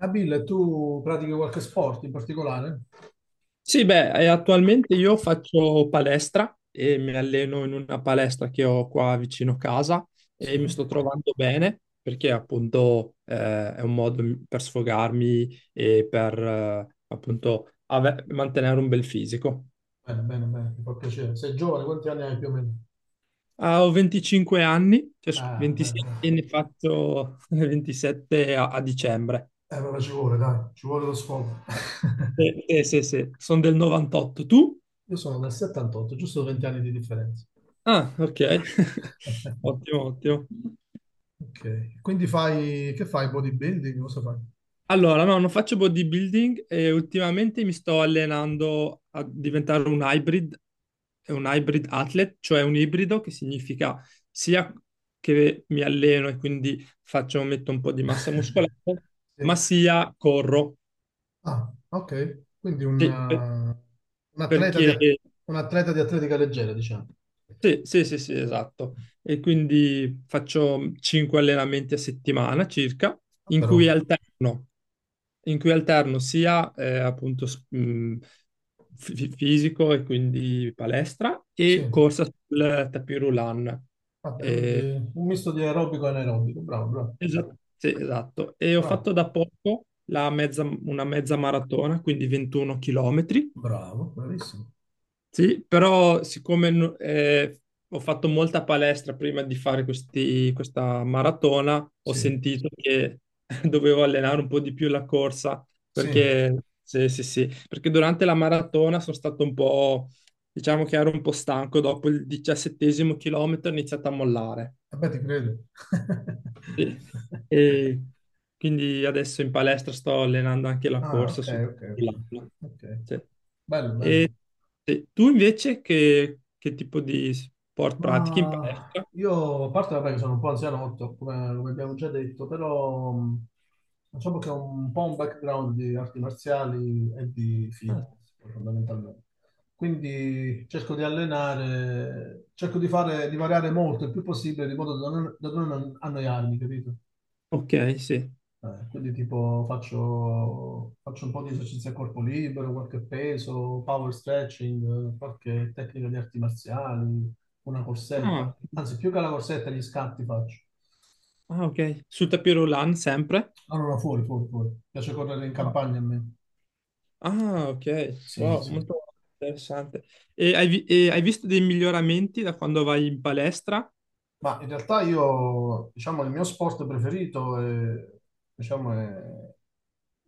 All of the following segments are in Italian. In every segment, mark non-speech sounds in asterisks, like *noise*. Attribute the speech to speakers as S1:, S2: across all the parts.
S1: Nabil, tu pratichi qualche sport in particolare?
S2: Sì, beh, attualmente io faccio palestra e mi alleno in una palestra che ho qua vicino casa e
S1: Sì.
S2: mi sto trovando bene perché appunto è un modo per sfogarmi e per appunto mantenere un bel fisico.
S1: Bene, bene, bene, mi fa piacere. Sei giovane, quanti anni hai più o meno?
S2: Ah, ho 25 anni, cioè,
S1: Ah, bene,
S2: 27 e
S1: bene.
S2: ne faccio *laughs* 27 a, a dicembre.
S1: Vabbè, ci vuole, dai, ci vuole lo sfogo. *laughs*
S2: Sì, sì, sono del 98. Tu?
S1: Io sono del '78, giusto 20 anni di differenza.
S2: Ah, ok. *laughs*
S1: *laughs*
S2: Ottimo, ottimo.
S1: Ok, quindi fai, che fai? Bodybuilding? Cosa fai?
S2: Allora, no, non faccio bodybuilding e ultimamente mi sto allenando a diventare un hybrid athlete, cioè un ibrido che significa sia che mi alleno e quindi faccio, metto un po' di massa muscolare,
S1: *laughs*
S2: ma
S1: Sì.
S2: sia corro.
S1: Ah, ok, quindi un, eh,
S2: Sì,
S1: un atleta di,
S2: perché
S1: at- un atleta di atletica leggera, diciamo.
S2: sì, sì, sì, sì, esatto. E quindi faccio 5 allenamenti a settimana circa,
S1: Ah,
S2: in
S1: però,
S2: cui alterno. In cui alterno sia appunto fisico e quindi palestra
S1: sì,
S2: e corsa sul tapis roulant.
S1: vabbè,
S2: Eh,
S1: quindi un misto di aerobico e anaerobico, bravo, bravo,
S2: esatto, sì, esatto. E ho
S1: bravo,
S2: fatto da poco la una mezza maratona, quindi 21 chilometri.
S1: bravo, bravissimo.
S2: Sì, però siccome ho fatto molta palestra prima di fare questa maratona, ho
S1: Sì,
S2: sentito che *laughs* dovevo allenare un po' di più la corsa,
S1: sì,
S2: perché, sì, sì, sì, perché durante la maratona sono stato un po', diciamo che ero un po' stanco, dopo il 17º chilometro ho iniziato a mollare.
S1: vabbè, ti credo.
S2: Sì.
S1: *laughs*
S2: E quindi adesso in palestra sto allenando anche la
S1: Ah,
S2: corsa
S1: ok, ok, ok,
S2: sull'acqua.
S1: ok.
S2: Sì.
S1: Bello, bello.
S2: E sì. Tu invece che tipo di sport pratichi in
S1: Ma
S2: palestra?
S1: io, a parte vabbè, che sono un po' anzianotto, come abbiamo già detto, però diciamo che ho un po' un background di arti marziali e di
S2: Ah,
S1: fitness, poi, fondamentalmente. Quindi cerco di allenare, cerco di fare, di variare molto il più possibile, di modo da non, annoiarmi, capito?
S2: ok, sì.
S1: Quindi tipo faccio un po' di esercizi a corpo libero, qualche peso, power stretching, qualche tecnica di arti marziali, una
S2: Ah,
S1: corsetta. Anzi, più che la corsetta, gli scatti faccio.
S2: ah, ok. Sul tapis roulant sempre?
S1: Allora, fuori, fuori, fuori. Mi piace correre in
S2: No.
S1: campagna a me.
S2: Ah, ok.
S1: Sì,
S2: Wow,
S1: sì.
S2: molto interessante. E hai, e hai visto dei miglioramenti da quando vai in palestra?
S1: Ma in realtà io, diciamo, il mio sport preferito è, diciamo, è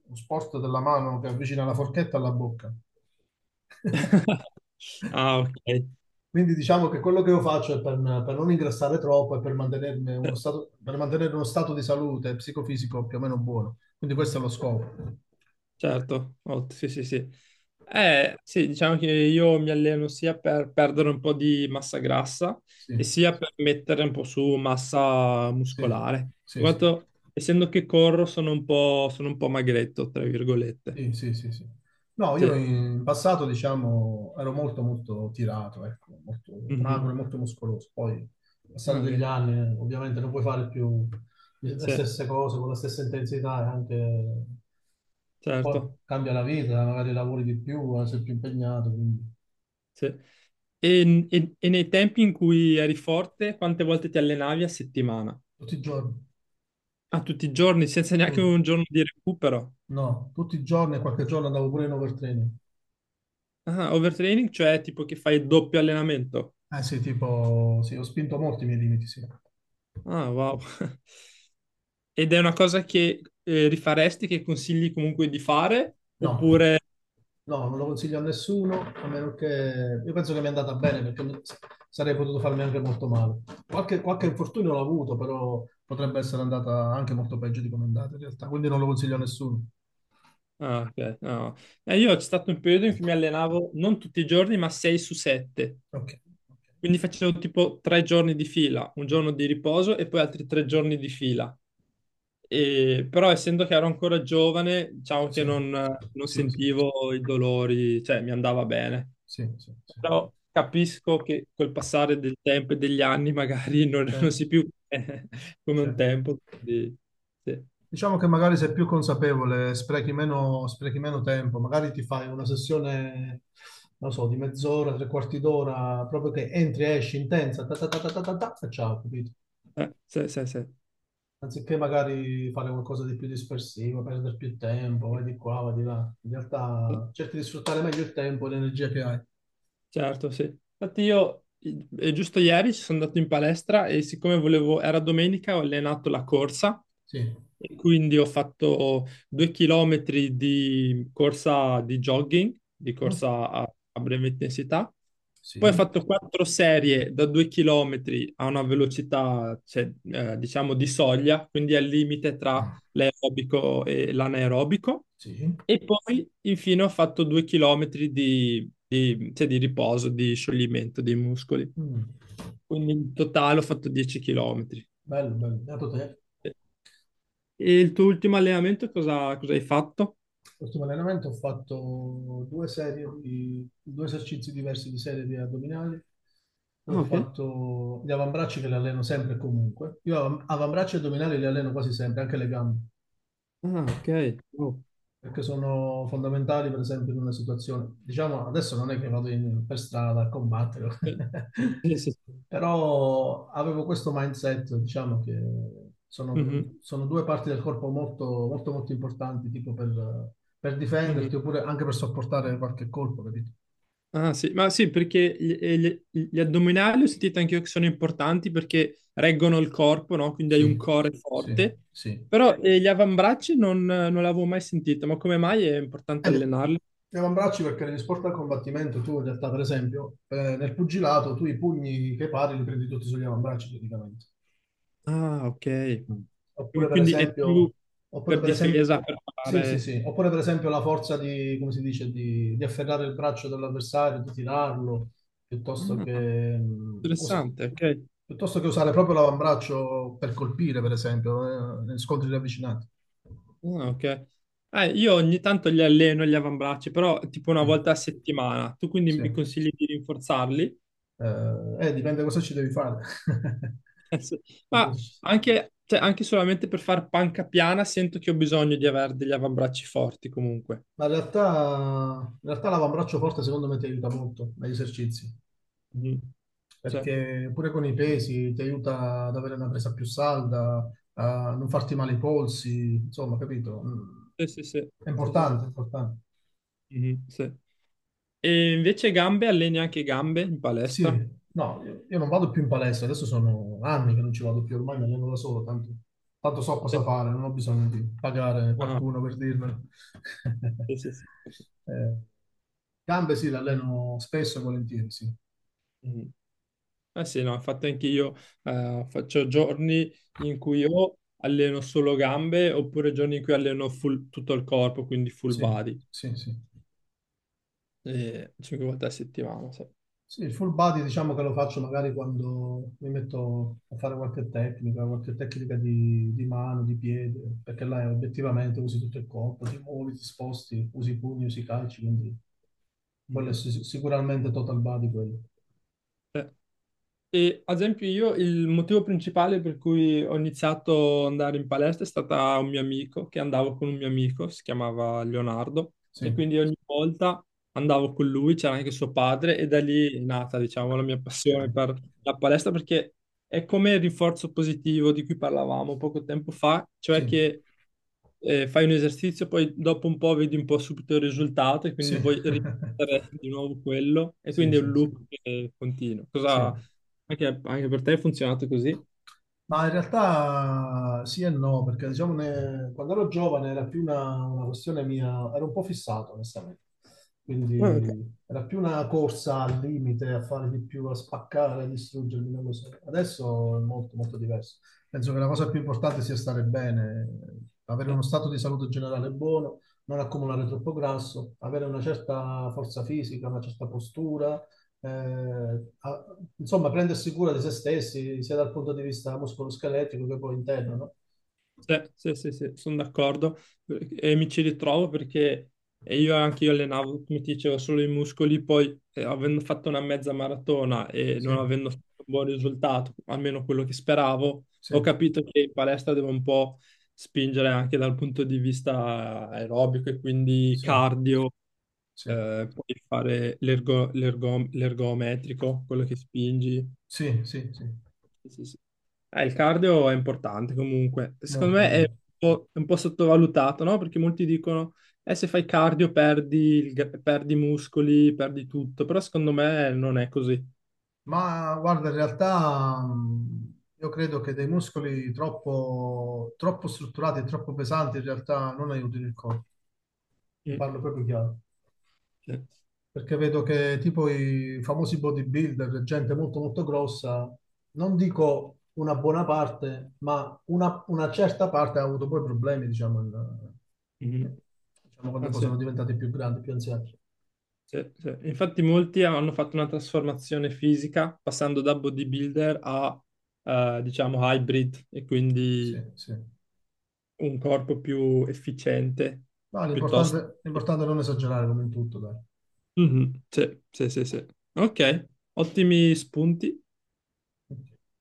S1: lo sport della mano che avvicina la forchetta alla bocca. *laughs*
S2: *laughs* Ah, ok.
S1: Quindi diciamo che quello che io faccio è per non ingrassare troppo e per mantenermi uno stato, per mantenere uno stato di salute psicofisico più o meno buono. Quindi questo è lo scopo.
S2: Certo, sì, sì, sì. Sì, diciamo che io mi alleno sia per perdere un po' di massa grassa
S1: Sì,
S2: e sia per mettere un po' su massa
S1: sì,
S2: muscolare.
S1: sì,
S2: In
S1: sì,
S2: quanto, essendo che corro, sono un po' magretto, tra virgolette.
S1: sì, sì, sì, sì. No, io
S2: Sì.
S1: in passato, diciamo, ero molto, molto tirato, ecco, molto magro
S2: Mhm.
S1: e molto muscoloso. Poi, passare
S2: Ah,
S1: degli
S2: ok.
S1: anni, ovviamente non puoi fare più le
S2: Sì,
S1: stesse cose con la stessa intensità e anche poi
S2: certo.
S1: cambia la vita, magari lavori di più, sei più impegnato, quindi
S2: Sì. E, e nei tempi in cui eri forte, quante volte ti allenavi a settimana?
S1: tutti i giorni,
S2: A tutti i giorni, senza neanche
S1: tu-
S2: un giorno di recupero?
S1: no, tutti i giorni e qualche giorno andavo pure in overtraining.
S2: Ah, overtraining, cioè tipo che fai doppio allenamento.
S1: Eh sì, tipo, sì, ho spinto molti i miei limiti, sì.
S2: Ah, wow. *laughs* Ed è una cosa che rifaresti, che consigli comunque di fare?
S1: No,
S2: Oppure...
S1: no, non lo consiglio a nessuno, a meno che... Io penso che mi è andata bene, perché sarei potuto farmi anche molto male. Qualche infortunio l'ho avuto, però potrebbe essere andata anche molto peggio di come è andata in realtà, quindi non lo consiglio a nessuno.
S2: Ah, ok. No. Io c'è stato un periodo in cui mi allenavo non tutti i giorni, ma 6 su 7.
S1: Ok, ok.
S2: Quindi facevo tipo 3 giorni di fila, un giorno di riposo e poi altri 3 giorni di fila. Però essendo che ero ancora giovane, diciamo che
S1: Sì,
S2: non
S1: sì, sì,
S2: sentivo i dolori, cioè mi andava bene.
S1: sì, sì, sì.
S2: Però capisco che col passare del tempo e degli anni *laughs* magari non, non si
S1: Certo,
S2: più *laughs* come un
S1: certo.
S2: tempo. Quindi, sì.
S1: Diciamo che magari sei più consapevole, sprechi meno tempo, magari ti fai una sessione, non so, di mezz'ora, tre quarti d'ora, proprio che entri e esci intensa, ta ta ta ta ta ta, ta, e ciao, capito?
S2: Sì, sì,
S1: Anziché magari fare qualcosa di più dispersivo, perdere più tempo,
S2: sì.
S1: vai di qua, vai di là. In realtà cerchi di sfruttare meglio il tempo e l'energia che hai.
S2: Certo, sì. Infatti io giusto ieri sono andato in palestra e siccome volevo, era domenica, ho allenato la corsa
S1: Sì.
S2: e quindi ho fatto 2 chilometri di corsa di jogging, di
S1: Mm?
S2: corsa a, a breve intensità. Poi ho
S1: Sì.
S2: fatto 4 serie da 2 chilometri a una velocità, cioè, diciamo, di soglia, quindi al limite tra
S1: Ah,
S2: l'aerobico e l'anaerobico.
S1: sì.
S2: E poi, infine, ho fatto due chilometri di, cioè, di riposo, di scioglimento dei muscoli.
S1: Mm.
S2: Quindi in totale ho fatto 10 chilometri.
S1: Bello, bello. Beato te.
S2: E il tuo ultimo allenamento cosa, cosa hai fatto?
S1: L'ultimo allenamento ho fatto due serie di, due esercizi diversi di serie di addominali, poi ho
S2: Ah, ok.
S1: fatto gli avambracci che li alleno sempre e comunque. Io avambracci e addominali li alleno quasi sempre, anche le gambe
S2: Ah, ok. Oh.
S1: perché sono fondamentali, per esempio, in una situazione. Diciamo, adesso non è che vado per strada a combattere,
S2: Eh,
S1: *laughs*
S2: sì, sì, sì.
S1: però avevo questo mindset, diciamo, che sono,
S2: Mhm,
S1: sono due parti del corpo molto, molto, molto importanti, tipo per
S2: mhm.
S1: difenderti oppure anche per sopportare qualche colpo, capito?
S2: Ah, sì. Ma sì, perché gli, gli addominali ho sentito anche io che sono importanti perché reggono il corpo, no? Quindi hai un
S1: Sì,
S2: core
S1: sì,
S2: forte.
S1: sì.
S2: Però gli avambracci non, non l'avevo mai sentito, ma come mai è importante
S1: E
S2: allenarli?
S1: gli avambracci perché negli sport da combattimento tu in realtà per esempio nel pugilato tu i pugni che pari li prendi tutti sugli avambracci praticamente.
S2: Ah, ok.
S1: Mm. Oppure
S2: Quindi
S1: per
S2: quindi è più
S1: esempio, oppure
S2: per
S1: per esempio,
S2: difesa, per
S1: sì, sì,
S2: fare...
S1: sì, oppure per esempio la forza di, come si dice, di afferrare il braccio dell'avversario, di tirarlo, piuttosto
S2: Ah,
S1: che, mh, usa-
S2: interessante, ok.
S1: piuttosto che usare proprio l'avambraccio per colpire, per esempio, negli scontri ravvicinati.
S2: Ah, ok. Io ogni tanto li alleno gli avambracci, però tipo una
S1: Sì,
S2: volta a settimana. Tu quindi
S1: sì.
S2: mi consigli di rinforzarli? *laughs*
S1: Eh, dipende cosa ci devi fare.
S2: Sì.
S1: *laughs*
S2: Ma anche, cioè, anche solamente per fare panca piana sento che ho bisogno di avere degli avambracci forti comunque.
S1: Ma in realtà l'avambraccio forte secondo me ti aiuta molto negli esercizi.
S2: Mhm. Cioè,
S1: Perché pure con i pesi ti aiuta ad avere una presa più salda, a non farti male i polsi, insomma, capito? Mm.
S2: sì, sì, sì.
S1: È
S2: Sì, sì,
S1: importante,
S2: sì.
S1: è importante.
S2: Mhm, sì. E invece gambe, alleni anche gambe in
S1: Sì,
S2: palestra?
S1: no, io non vado più in palestra, adesso sono anni che non ci vado più, ormai mi alleno da solo, tanto, so cosa
S2: Sì.
S1: fare, non ho bisogno di pagare
S2: Ah.
S1: qualcuno per dirmelo.
S2: Sì,
S1: *laughs*
S2: sì, sì.
S1: Eh, gambe sì, le alleno spesso e volentieri, sì,
S2: Mm. Eh sì, no, infatti anche io faccio giorni in cui o alleno solo gambe oppure giorni in cui alleno tutto il corpo, quindi full
S1: sì,
S2: body,
S1: sì, sì.
S2: 5 volte a settimana. Sì.
S1: Sì, il full body diciamo che lo faccio magari quando mi metto a fare qualche tecnica di mano, di piede, perché là obiettivamente usi tutto il corpo, ti muovi, ti sposti, usi i pugni, usi i calci, quindi quello è
S2: Mhm.
S1: sicuramente total body quello.
S2: E ad esempio io il motivo principale per cui ho iniziato ad andare in palestra è stata un mio amico, che andavo con un mio amico, si chiamava Leonardo, e
S1: Sì,
S2: quindi ogni volta andavo con lui, c'era anche suo padre, e da lì è nata, diciamo, la mia passione
S1: ok.
S2: per la palestra, perché è come il rinforzo positivo di cui parlavamo poco tempo fa,
S1: Sì,
S2: cioè che fai un esercizio, poi dopo un po' vedi un po' subito il risultato e quindi
S1: sì.
S2: vuoi ripetere di
S1: *laughs*
S2: nuovo quello e
S1: Sì,
S2: quindi è un
S1: sì, sì.
S2: loop che continua.
S1: Sì.
S2: Cosa anche, anche per te è funzionato così?
S1: Ma in realtà sì e no, perché diciamo quando ero giovane era più una questione mia, ero un po' fissato, onestamente.
S2: Ah, ok.
S1: Quindi era più una corsa al limite, a fare di più, a spaccare, a distruggermi, non lo so. Adesso è molto, molto diverso. Penso che la cosa più importante sia stare bene, avere uno stato di salute generale buono, non accumulare troppo grasso, avere una certa forza fisica, una certa postura, insomma, prendersi cura di se stessi, sia dal punto di vista muscoloscheletico che poi interno, no?
S2: Sì, sì, sì, sì, sono d'accordo e mi ci ritrovo perché io anche io allenavo, come ti dicevo, solo i muscoli, poi avendo fatto una mezza maratona e
S1: Sì,
S2: non avendo fatto un buon risultato, almeno quello che speravo,
S1: sì,
S2: ho capito che in palestra devo un po' spingere anche dal punto di vista aerobico e quindi
S1: sì,
S2: cardio,
S1: sì,
S2: poi fare l'ergometrico, quello che spingi.
S1: sì, sì, sì,
S2: Sì, sì. Sì. Il cardio è importante comunque. Secondo
S1: molto,
S2: me
S1: molto.
S2: è un po' sottovalutato, no? Perché molti dicono, se fai cardio perdi, perdi i muscoli, perdi tutto, però secondo me non è così.
S1: Ma guarda, in realtà io credo che dei muscoli troppo, troppo strutturati e troppo pesanti in realtà non aiutino il corpo. Ti
S2: Mm,
S1: parlo proprio chiaro.
S2: sì.
S1: Perché vedo che tipo i famosi bodybuilder, gente molto molto grossa, non dico una buona parte, ma una, certa parte ha avuto poi problemi, diciamo,
S2: Mhm.
S1: diciamo, quando
S2: Ah,
S1: poi
S2: sì,
S1: sono diventati più grandi, più anziani.
S2: sì, sì. Infatti molti hanno fatto una trasformazione fisica passando da bodybuilder a, diciamo, hybrid e
S1: Sì,
S2: quindi
S1: sì.
S2: un corpo più efficiente
S1: Ma
S2: piuttosto.
S1: l'importante è non esagerare come in tutto, dai.
S2: Mhm, sì, sì, sì, sì. Ok, ottimi spunti.
S1: Ok.